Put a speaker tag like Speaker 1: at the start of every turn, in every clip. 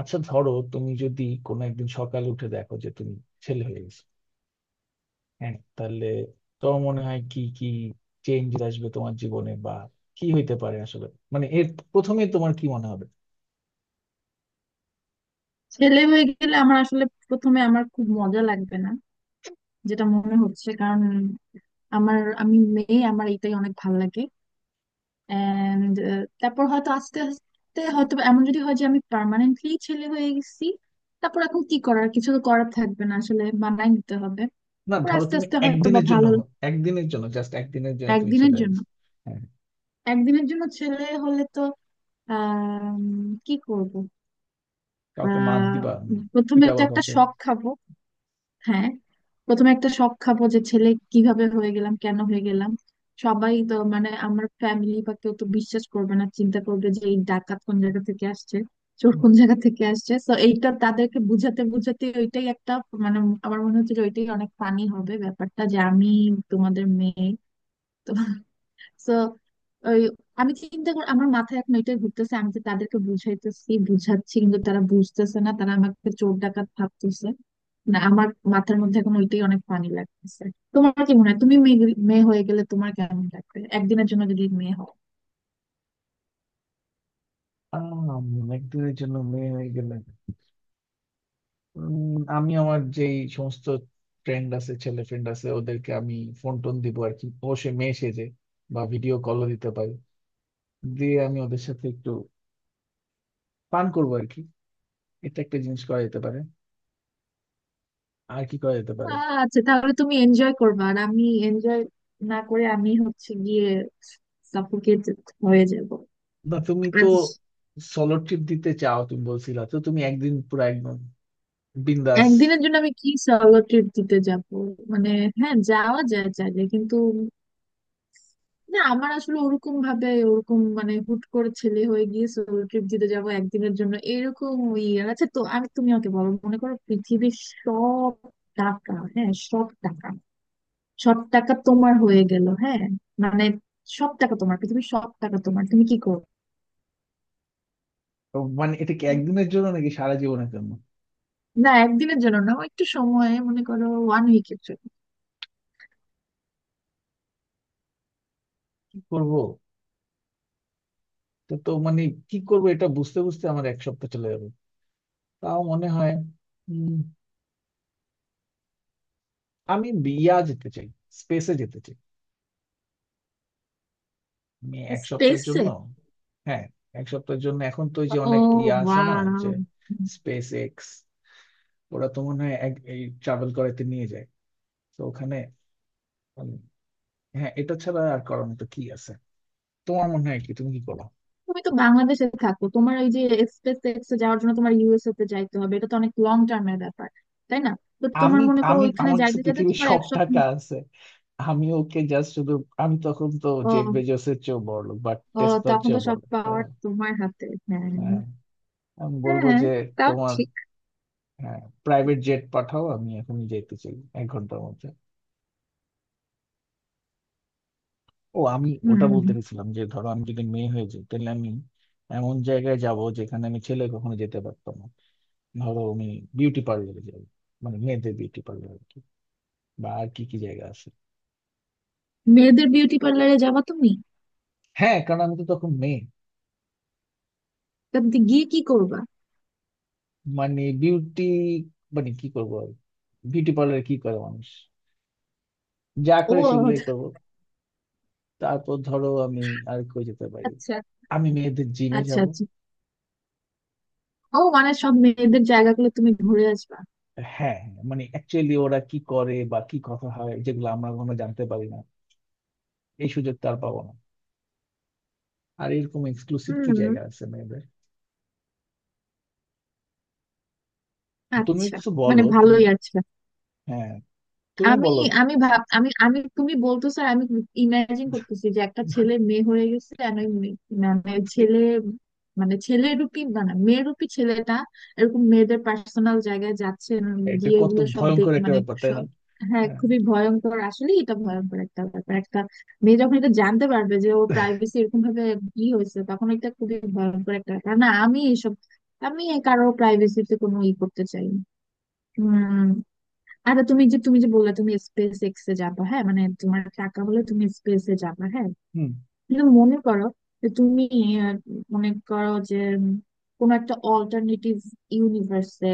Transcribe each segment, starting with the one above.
Speaker 1: আচ্ছা, ধরো তুমি যদি কোনো একদিন সকালে উঠে দেখো যে তুমি ছেলে হয়ে গেছো। হ্যাঁ, তাহলে তোমার মনে হয় কি কি চেঞ্জ আসবে তোমার জীবনে, বা কি হইতে পারে আসলে? মানে এর প্রথমে তোমার কি মনে হবে?
Speaker 2: ছেলে হয়ে গেলে আমার আসলে প্রথমে খুব মজা লাগবে না যেটা মনে হচ্ছে। কারণ আমি মেয়ে, আমার এটাই অনেক ভালো লাগে। এন্ড তারপর হয়তো আস্তে আস্তে, হয়তো এমন যদি হয় যে আমি পার্মানেন্টলি ছেলে হয়ে গেছি, তারপর এখন কি করার, কিছু তো করার থাকবে না, আসলে মানায় নিতে হবে।
Speaker 1: না
Speaker 2: তারপর
Speaker 1: ধরো
Speaker 2: আস্তে
Speaker 1: তুমি
Speaker 2: আস্তে হয়তো বা
Speaker 1: একদিনের জন্য
Speaker 2: ভালো।
Speaker 1: একদিনের জন্য, জাস্ট একদিনের জন্য তুমি
Speaker 2: একদিনের
Speaker 1: ছেলে হয়ে
Speaker 2: জন্য।
Speaker 1: গেছো। হ্যাঁ,
Speaker 2: একদিনের জন্য ছেলে হলে তো আহ কি করব?
Speaker 1: কাউকে মার
Speaker 2: আহ
Speaker 1: দিবা?
Speaker 2: প্রথমে তো
Speaker 1: পিটাবা
Speaker 2: একটা
Speaker 1: কাউকে?
Speaker 2: শখ খাবো। হ্যাঁ, প্রথমে একটা শক খাবো যে ছেলে কিভাবে হয়ে গেলাম, কেন হয়ে গেলাম। সবাই তো মানে আমার ফ্যামিলি বা কেউ তো বিশ্বাস করবে না, চিন্তা করবে যে এই ডাকাত কোন জায়গা থেকে আসছে, চোর কোন জায়গা থেকে আসছে। তো এইটা তাদেরকে বুঝাতে বুঝাতে ওইটাই একটা মানে, আমার মনে হচ্ছে যে ওইটাই অনেক ফানি হবে ব্যাপারটা, যে আমি তোমাদের মেয়ে। তো ওই আমি চিন্তা করি আমার মাথায় এখন এটাই ঘুরতেছে, আমি যে তাদেরকে বুঝাচ্ছি কিন্তু তারা বুঝতেছে না, তারা আমাকে চোর ডাকাত ভাবতেছে। না, আমার মাথার মধ্যে এখন ওইটাই অনেক পানি লাগতেছে। তোমার কি মনে হয়, তুমি মেয়ে হয়ে গেলে তোমার কেমন লাগবে, একদিনের জন্য যদি মেয়ে হও?
Speaker 1: আম, একদিনের জন্য মেয়ে হয়ে গেলে আমি আমার যে এই সমস্ত ফ্রেন্ড আছে, ছেলে ফ্রেন্ড আছে, ওদেরকে আমি ফোন টোন দিব আর কি, অবশ্যই মেয়ে সেজে। বা ভিডিও কলও দিতে পারি, দিয়ে আমি ওদের সাথে একটু পান করবো আর কি। এটা একটা জিনিস করা যেতে পারে। আর কি করা যেতে পারে?
Speaker 2: আচ্ছা, তাহলে তুমি এনজয় করবা, আর আমি এনজয় না করে আমি হচ্ছে গিয়ে সাফোকেট হয়ে যাব।
Speaker 1: না তুমি তো
Speaker 2: আজ
Speaker 1: সলো ট্রিপ দিতে চাও, তুমি বলছিলা তো, তুমি একদিন পুরো একদম বিন্দাস।
Speaker 2: একদিনের জন্য আমি কি সলো ট্রিপ দিতে যাব? মানে হ্যাঁ, যাওয়া যায় চাইলে, কিন্তু না আমার আসলে ওরকম ভাবে, ওরকম মানে হুট করে ছেলে হয়ে গিয়ে সোলো ট্রিপ দিতে যাব একদিনের জন্য, এরকম আচ্ছা তো আমি, তুমি আমাকে বলো, মনে করো পৃথিবীর সব টাকা, হ্যাঁ সব টাকা, সব টাকা তোমার হয়ে গেল, হ্যাঁ মানে সব টাকা তোমার, পৃথিবীর সব টাকা তোমার, তুমি কি করো?
Speaker 1: তো মানে এটা কি একদিনের জন্য নাকি সারা জীবনের জন্য?
Speaker 2: না একদিনের জন্য না, ও একটু সময় মনে করো ওয়ান উইকের জন্য।
Speaker 1: কি করবো? তো তো মানে কি করবো এটা বুঝতে বুঝতে আমার এক সপ্তাহ চলে যাবে তাও মনে হয়। আমি বিয়া যেতে চাই, স্পেসে যেতে চাই, আমি এক সপ্তাহের
Speaker 2: স্পেসে?
Speaker 1: জন্য। হ্যাঁ, এক সপ্তাহের জন্য। এখন তো ওই যে
Speaker 2: ও,
Speaker 1: অনেক ইয়ে আছে না, যে
Speaker 2: ওয়াও।
Speaker 1: স্পেস এক্স, ওরা তো মনে হয় এই ট্রাভেল করাতে নিয়ে যায়। তো ওখানে, উম, হ্যাঁ, এটা ছাড়া আর করার মতো কি আছে? তোমার মনে হয় কি, তুমি কি করো?
Speaker 2: তুমি তো বাংলাদেশে থাকো, তোমার এই যে স্পেস এক্সে যাওয়ার জন্য তোমার ইউএসএ তে যাইতে হবে, এটা তো অনেক লং টার্মের ব্যাপার, তাই না? তো তোমার
Speaker 1: আমি
Speaker 2: মনে করো
Speaker 1: আমি
Speaker 2: ওইখানে
Speaker 1: আমার কাছে
Speaker 2: যাইতে যাইতে
Speaker 1: পৃথিবীর
Speaker 2: তোমার
Speaker 1: সব
Speaker 2: এক সপ্তাহ।
Speaker 1: টাকা আছে, আমি ওকে জাস্ট শুধু, আমি তখন তো
Speaker 2: ও,
Speaker 1: জেফ বেজোসের চেয়েও বড় লোক, বা
Speaker 2: ও,
Speaker 1: টেসলার
Speaker 2: তখন তো
Speaker 1: চেয়েও বড়
Speaker 2: সব
Speaker 1: লোক, তাই
Speaker 2: পাওয়ার
Speaker 1: না?
Speaker 2: তোমার হাতে, হ্যাঁ।
Speaker 1: হ্যাঁ, আমি বলবো
Speaker 2: হ্যাঁ
Speaker 1: যে
Speaker 2: তাও
Speaker 1: তোমার,
Speaker 2: ঠিক।
Speaker 1: হ্যাঁ, প্রাইভেট জেট পাঠাও, আমি এখনই যাইতে চাই এক ঘন্টার মধ্যে। ও আমি ওটা বলতে
Speaker 2: হম।
Speaker 1: গেছিলাম যে ধরো আমি যদি মেয়ে হয়ে যাই তাহলে আমি এমন জায়গায় যাব যেখানে আমি ছেলে কখনো যেতে পারতাম না। ধরো আমি বিউটি পার্লারে যাবো, মানে মেয়েদের বিউটি পার্লার আর কি। বা আর কি কি জায়গা আছে?
Speaker 2: মেয়েদের বিউটি পার্লারে যাবা তুমি?
Speaker 1: হ্যাঁ, কারণ আমি তো তখন মেয়ে।
Speaker 2: তা তুমি গিয়ে কি করবা?
Speaker 1: মানে বিউটি, মানে কি করবো আর, বিউটি পার্লারে কি করে মানুষ, যা করে
Speaker 2: ও
Speaker 1: সেগুলোই করবো। তারপর ধরো আমি আর কই যেতে পারি?
Speaker 2: আচ্ছা,
Speaker 1: আমি মেয়েদের জিমে
Speaker 2: আচ্ছা
Speaker 1: যাব।
Speaker 2: আচ্ছা। ও মানে সব মেয়েদের জায়গাগুলো তুমি ঘুরে আসবা।
Speaker 1: হ্যাঁ, মানে অ্যাকচুয়ালি ওরা কি করে বা কি কথা হয়, যেগুলো আমরা কোনো জানতে পারি না, এই সুযোগটা আর পাবো না। আর এরকম এক্সক্লুসিভ কি
Speaker 2: হুম,
Speaker 1: জায়গা আছে মেয়েদের? তুমি
Speaker 2: আচ্ছা।
Speaker 1: কিছু বলো,
Speaker 2: মানে
Speaker 1: তুমি।
Speaker 2: ভালোই আছে।
Speaker 1: হ্যাঁ, তুমি
Speaker 2: আমি,
Speaker 1: বলো।
Speaker 2: আমি ভাব, আমি আমি তুমি বলতেছো আর আমি ইমাজিন করতেছি যে একটা ছেলে মেয়ে হয়ে গেছে, আর ওই মেয়ে- মানে
Speaker 1: It's কি-
Speaker 2: ছেলে মানে ছেলে রূপী, মানে মেয়ে রূপী ছেলেটা এরকম মেয়েদের পার্সোনাল জায়গায় যাচ্ছে,
Speaker 1: এটা
Speaker 2: গিয়ে
Speaker 1: কত
Speaker 2: এগুলো সব দেখ
Speaker 1: ভয়ঙ্কর একটা
Speaker 2: মানে
Speaker 1: ব্যাপার, তাই না?
Speaker 2: সব। হ্যাঁ
Speaker 1: হ্যাঁ।
Speaker 2: খুবই ভয়ঙ্কর, আসলে এটা ভয়ঙ্কর একটা ব্যাপার। একটা মেয়ে যখন এটা জানতে পারবে যে ও প্রাইভেসি এরকম ভাবে ই হয়েছে, তখন এটা খুবই ভয়ঙ্কর একটা ব্যাপার। না আমি এসব, আমি কারো প্রাইভেসিতে কোনো ই করতে চাই না। আর তুমি যে, তুমি যে বললে তুমি স্পেস এক্স এ যাবা, হ্যাঁ মানে তোমার টাকা হলে তুমি স্পেস এ যাবা, হ্যাঁ
Speaker 1: হুম
Speaker 2: কিন্তু মনে করো যে তুমি আহ, মনে করো যে কোন একটা অল্টারনেটিভ ইউনিভার্সে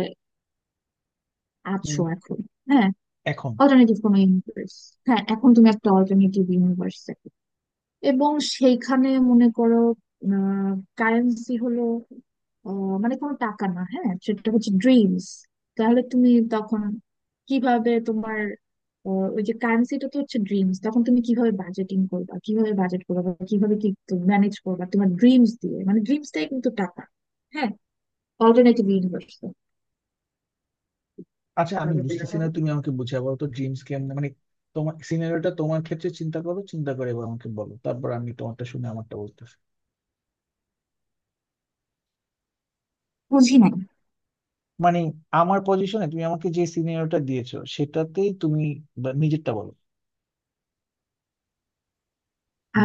Speaker 2: আছো
Speaker 1: হুম
Speaker 2: এখন। হ্যাঁ,
Speaker 1: এখন
Speaker 2: অল্টারনেটিভ কোন ইউনিভার্স। হ্যাঁ এখন তুমি একটা অল্টারনেটিভ ইউনিভার্সে, এবং সেইখানে মনে করো কারেন্সি হলো মানে কোনো টাকা না, হ্যাঁ সেটা হচ্ছে ড্রিমস। তাহলে তুমি তখন কিভাবে তোমার ওই যে কারেন্সিটা তো হচ্ছে ড্রিমস, তখন তুমি কিভাবে বাজেটিং করবা, কিভাবে বাজেট করবা, বা কিভাবে কি ম্যানেজ করবা তোমার ড্রিমস দিয়ে? মানে ড্রিমসটাই কিন্তু টাকা। হ্যাঁ, অল্টারনেটিভ ইউনিভার্স।
Speaker 1: আচ্ছা আমি বুঝতেছি না, তুমি আমাকে বুঝিয়ে বলো তো ড্রিমস কেমন, মানে তোমার সিনারিওটা তোমার ক্ষেত্রে চিন্তা করো, চিন্তা করে এবার আমাকে বলো, তারপর আমি তোমারটা শুনে আমারটা বলতেছি।
Speaker 2: বুঝি নাই।
Speaker 1: মানে আমার পজিশনে তুমি আমাকে যে সিনারিওটা দিয়েছো সেটাতেই তুমি বা নিজেরটা বলো,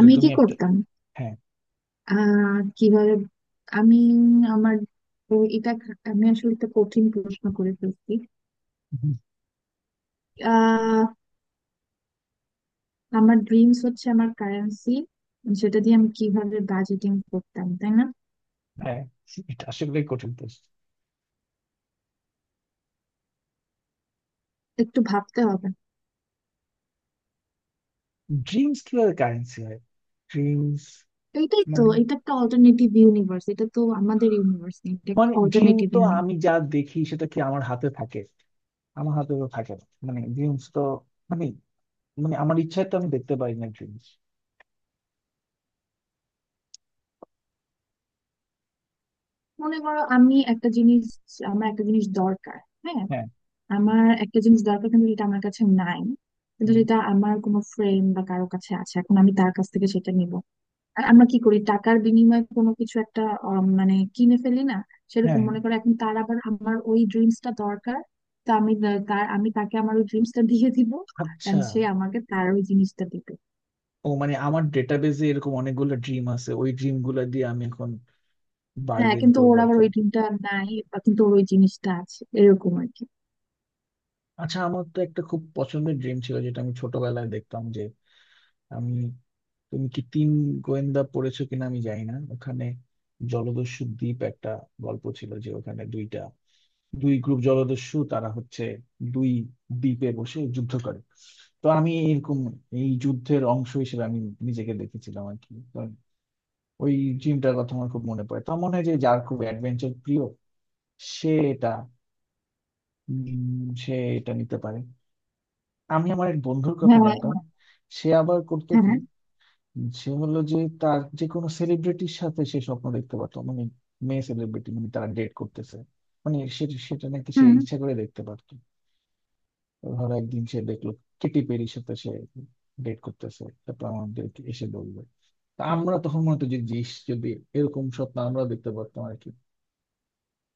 Speaker 1: যে
Speaker 2: কি
Speaker 1: তুমি একটা।
Speaker 2: করতাম?
Speaker 1: হ্যাঁ
Speaker 2: কিভাবে, আমি আমার তো এটা আমি আসলে একটা কঠিন প্রশ্ন করে ফেলছি। আহ আমার ড্রিমস হচ্ছে আমার কারেন্সি, সেটা দিয়ে আমি কিভাবে বাজেটিং করতাম, তাই না?
Speaker 1: হ্যাঁ। এটা আসলে কঠিন প্রশ্ন।
Speaker 2: একটু ভাবতে হবে।
Speaker 1: ড্রিমস কিভাবে কারেন্সি হয়? ড্রিমস,
Speaker 2: এটাই তো,
Speaker 1: মানে,
Speaker 2: এটা একটা অল্টারনেটিভ ইউনিভার্স, এটা তো আমাদের ইউনিভার্স না। এটা
Speaker 1: মানে ড্রিম
Speaker 2: অল্টারনেটিভ
Speaker 1: তো
Speaker 2: ইউনিভার্স।
Speaker 1: আমি যা দেখি সেটা কি আমার হাতে থাকে? আমার হাতে তো থাকে না, মানে ড্রিমস তো, মানে, মানে আমার ইচ্ছায় তো আমি দেখতে পারি না ড্রিমস।
Speaker 2: মনে করো আমি একটা জিনিস, আমার একটা জিনিস দরকার। হ্যাঁ,
Speaker 1: হ্যাঁ,
Speaker 2: আমার একটা জিনিস দরকার কিন্তু এটা আমার কাছে নাই, কিন্তু
Speaker 1: উম,
Speaker 2: যেটা আমার কোনো ফ্রেন্ড বা কারো কাছে আছে, এখন আমি তার কাছ থেকে সেটা নিব। আর আমরা কি করি, টাকার বিনিময়ে কোনো কিছু একটা মানে কিনে ফেলি না?
Speaker 1: হ্যাঁ
Speaker 2: সেরকম
Speaker 1: হ্যাঁ।
Speaker 2: মনে করো এখন তার আবার আমার ওই ড্রিমসটা দরকার। তো আমি তা- তার আমি তাকে আমার ওই ড্রিমসটা দিয়ে দিব,
Speaker 1: আচ্ছা।
Speaker 2: এন্ড সে আমাকে তার ওই জিনিসটা দিবে।
Speaker 1: ও মানে আমার ডেটাবেজে এরকম অনেকগুলো ড্রিম আছে, ওই ড্রিম গুলা দিয়ে আমি এখন
Speaker 2: হ্যাঁ
Speaker 1: বার্গেন
Speaker 2: কিন্তু
Speaker 1: করবো
Speaker 2: ওর
Speaker 1: আর
Speaker 2: আবার
Speaker 1: কি।
Speaker 2: ওই ড্রিমটা নাই, বা কিন্তু ওর ওই জিনিসটা আছে, এরকম আর কি।
Speaker 1: আচ্ছা আমার তো একটা খুব পছন্দের ড্রিম ছিল, যেটা আমি ছোটবেলায় দেখতাম, যে আমি, তুমি কি তিন গোয়েন্দা পড়েছো কিনা আমি জানি না, ওখানে জলদস্যু দ্বীপ একটা গল্প ছিল, যে ওখানে দুইটা দুই গ্রুপ জলদস্যু, তারা হচ্ছে দুই দ্বীপে বসে যুদ্ধ করে। তো আমি এরকম এই যুদ্ধের অংশ হিসেবে আমি নিজেকে দেখেছিলাম আর কি। তো ওই জিমটার কথা আমার খুব মনে পড়ে, তো মনে হয় যে যার খুব অ্যাডভেঞ্চার প্রিয় সে এটা, সে এটা নিতে পারে। আমি আমার এক বন্ধুর কথা জানতাম,
Speaker 2: হ্যাঁ
Speaker 1: সে আবার করতো কি,
Speaker 2: হ্যাঁ।
Speaker 1: সে হলো যে তার যে কোনো সেলিব্রিটির সাথে সে স্বপ্ন দেখতে পারতো, মানে মেয়ে সেলিব্রিটি, মানে তারা ডেট করতেছে, মানে সেটা নাকি সে
Speaker 2: হুম।
Speaker 1: ইচ্ছা করে দেখতে পারতো। ধরো একদিন সে দেখলো কেটি পেরির সাথে সে ডেট করতেছে, তারপর আমাদেরকে এসে বলবে। তা আমরা তখন মনে হতো যে জিস যদি এরকম স্বপ্ন আমরা দেখতে পারতাম আর কি।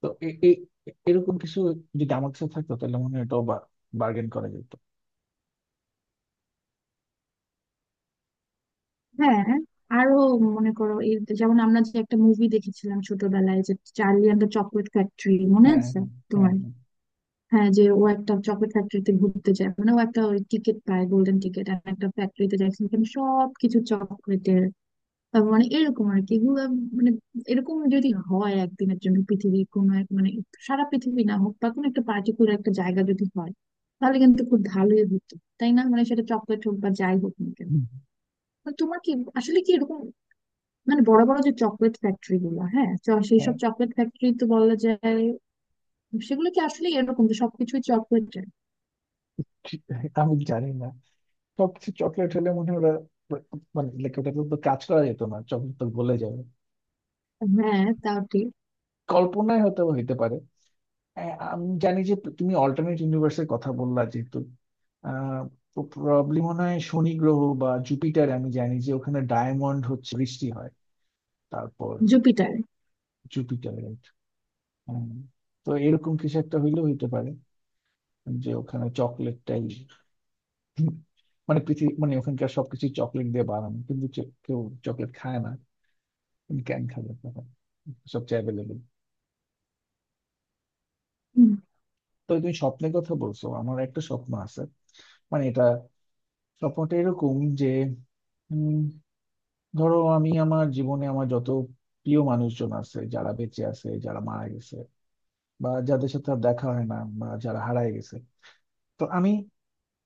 Speaker 1: তো এরকম কিছু যদি আমার কাছে থাকতো তাহলে মনে হয় এটাও বার্গেন করা যেত।
Speaker 2: হ্যাঁ আরো মনে করো এই, যেমন আমরা যে একটা মুভি দেখেছিলাম ছোটবেলায় যে Charlie and the Chocolate Factory, মনে
Speaker 1: হ্যাঁ,
Speaker 2: আছে
Speaker 1: হ্যাঁ হ্যাঁ,
Speaker 2: তোমার?
Speaker 1: হ্যাঁ
Speaker 2: হ্যাঁ যে ও একটা চকলেট ফ্যাক্টরিতে ঘুরতে যায়, মানে ও একটা ওই টিকিট পায় গোল্ডেন টিকিট, আর একটা ফ্যাক্টরিতে যায় সেখানে সবকিছু চকলেটের। তারপর মানে এরকম আর কি এগুলো, মানে এরকম যদি হয় একদিনের জন্য পৃথিবী কোনো এক মানে, সারা পৃথিবী না হোক বা কোনো একটা পার্টিকুলার একটা জায়গা যদি হয়, তাহলে কিন্তু খুব ভালোই হতো, তাই না? মানে সেটা চকলেট হোক বা যাই হোক না কেন। তো তোমার কি আসলে কি এরকম মানে, বড় বড় যে চকলেট ফ্যাক্টরি গুলো হ্যাঁ, সেই
Speaker 1: হ্যাঁ।
Speaker 2: সব চকলেট ফ্যাক্টরি তো বলা যায় সেগুলো কি আসলে এরকম যে সবকিছুই চকলেট?
Speaker 1: ঠিক- আমি জানি না, সবকিছু চকলেট হলে মনে হয় ওরা, মানে like ওটা তো কাজ করা যেত না, চকলেট তো গলে যাবে।
Speaker 2: হ্যাঁ তাও ঠিক।
Speaker 1: কল্পনায় হয়তো হইতে পারে। আ- আমি জানি যে তুমি অল্টারনেট ইউনিভার্সের কথা বললা যেহেতু, আহ প্রবলেম মনে হয় শনি গ্রহ বা জুপিটার, আমি জানি যে ওখানে ডায়মন্ড হচ্ছে বৃষ্টি হয়। তারপর
Speaker 2: জুপিটার।
Speaker 1: জুপিটার, তো এরকম কিছু একটা হইলেও হইতে পারে, যে ওখানে চকলেটটাই, মানে পৃথিবী, মানে ওখানকার সবকিছু চকলেট দিয়ে বানানো, কিন্তু কেউ চকলেট খায় না। তুমি ক্যান খাবে তখন, সবচেয়ে অ্যাভেলেবেল।
Speaker 2: হুম।
Speaker 1: তো তুমি স্বপ্নের কথা বলছো, আমার একটা স্বপ্ন আছে। মানে এটা, স্বপ্নটা এরকম যে, উম, ধরো আমি আমার জীবনে আমার যত প্রিয় মানুষজন আছে, যারা বেঁচে আছে, যারা মারা গেছে, বা যাদের সাথে আর দেখা হয় না, বা যারা হারায় গেছে, তো আমি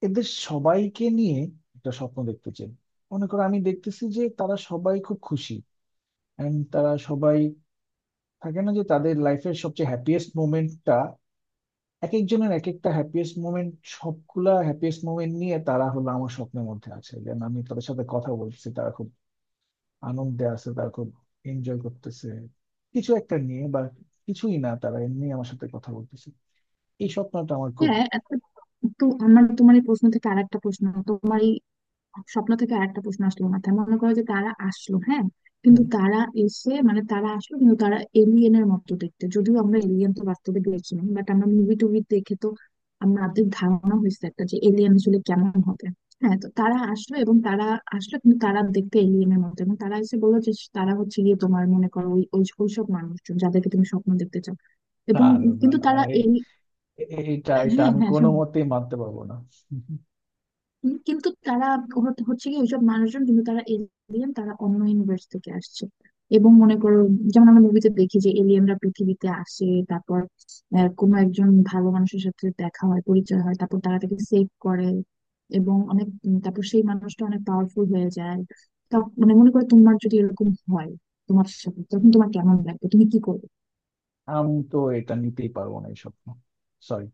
Speaker 1: এদের সবাইকে নিয়ে একটা স্বপ্ন দেখতে চাই। মনে করো আমি দেখতেছি যে তারা সবাই খুব খুশি, এন্ড তারা সবাই, থাকে না যে তাদের লাইফের সবচেয়ে হ্যাপিয়েস্ট মোমেন্টটা, এক একজনের এক একটা হ্যাপিয়েস্ট মোমেন্ট, সবগুলা হ্যাপিয়েস্ট মোমেন্ট নিয়ে তারা হলো আমার স্বপ্নের মধ্যে আছে, যেন আমি তাদের সাথে কথা বলছি, তারা খুব আনন্দে আছে, তারা খুব এনজয় করতেছে কিছু একটা নিয়ে, বা কিছুই না, তারা এমনি আমার সাথে কথা বলতেছে। এই স্বপ্নটা আমার খুব
Speaker 2: হ্যাঁ একটা, তো আমার, তোমার এই প্রশ্ন থেকে আরেকটা প্রশ্ন, তোমার এই স্বপ্ন থেকে আরেকটা প্রশ্ন আসলো মাথায়। মনে করো যে তারা আসলো, হ্যাঁ কিন্তু তারা এসে মানে, তারা আসলো কিন্তু তারা এলিয়েনের মতো দেখতে, যদিও আমরা এলিয়েন তো বাস্তবে দেখিনি, বাট আমরা মুভি টুভি দেখে তো আমাদের ধারণা হয়েছে একটা যে এলিয়েন আসলে কেমন হবে। হ্যাঁ তো তারা আসলো, এবং তারা আসলো কিন্তু তারা দেখতে এলিয়েনের মতো, এবং তারা এসে বললো যে তারা হচ্ছে গিয়ে তোমার মনে করো ওই ওই- ওইসব মানুষজন যাদেরকে তুমি স্বপ্ন দেখতে চাও, এবং
Speaker 1: দারুণ
Speaker 2: কিন্তু
Speaker 1: আর,
Speaker 2: তারা
Speaker 1: এ-
Speaker 2: এলি
Speaker 1: এটা এটা
Speaker 2: হ্যাঁ
Speaker 1: আমি
Speaker 2: হ্যাঁ
Speaker 1: কোনো
Speaker 2: শোনো,
Speaker 1: মতেই মানতে পারবো না।
Speaker 2: কিন্তু তারা হচ্ছে কি ওইসব মানুষজন, কিন্তু তারা এলিয়েন, তারা অন্য ইউনিভার্স থেকে আসছে। এবং মনে করো, যেমন আমরা মুভিতে দেখি যে এলিয়েনরা পৃথিবীতে আসে, তারপর কোনো একজন ভালো মানুষের সাথে দেখা হয়, পরিচয় হয়, তারপর তারা তাকে সেভ করে, এবং অনেক তারপর সেই মানুষটা অনেক পাওয়ারফুল হয়ে যায়। তা মানে মনে করো তোমার যদি এরকম হয় তোমার সাথে, তখন তোমার কেমন লাগবে, তুমি কি করবে?
Speaker 1: আমি তো এটা নিতেই পারবো না এই স্বপ্ন। সরি।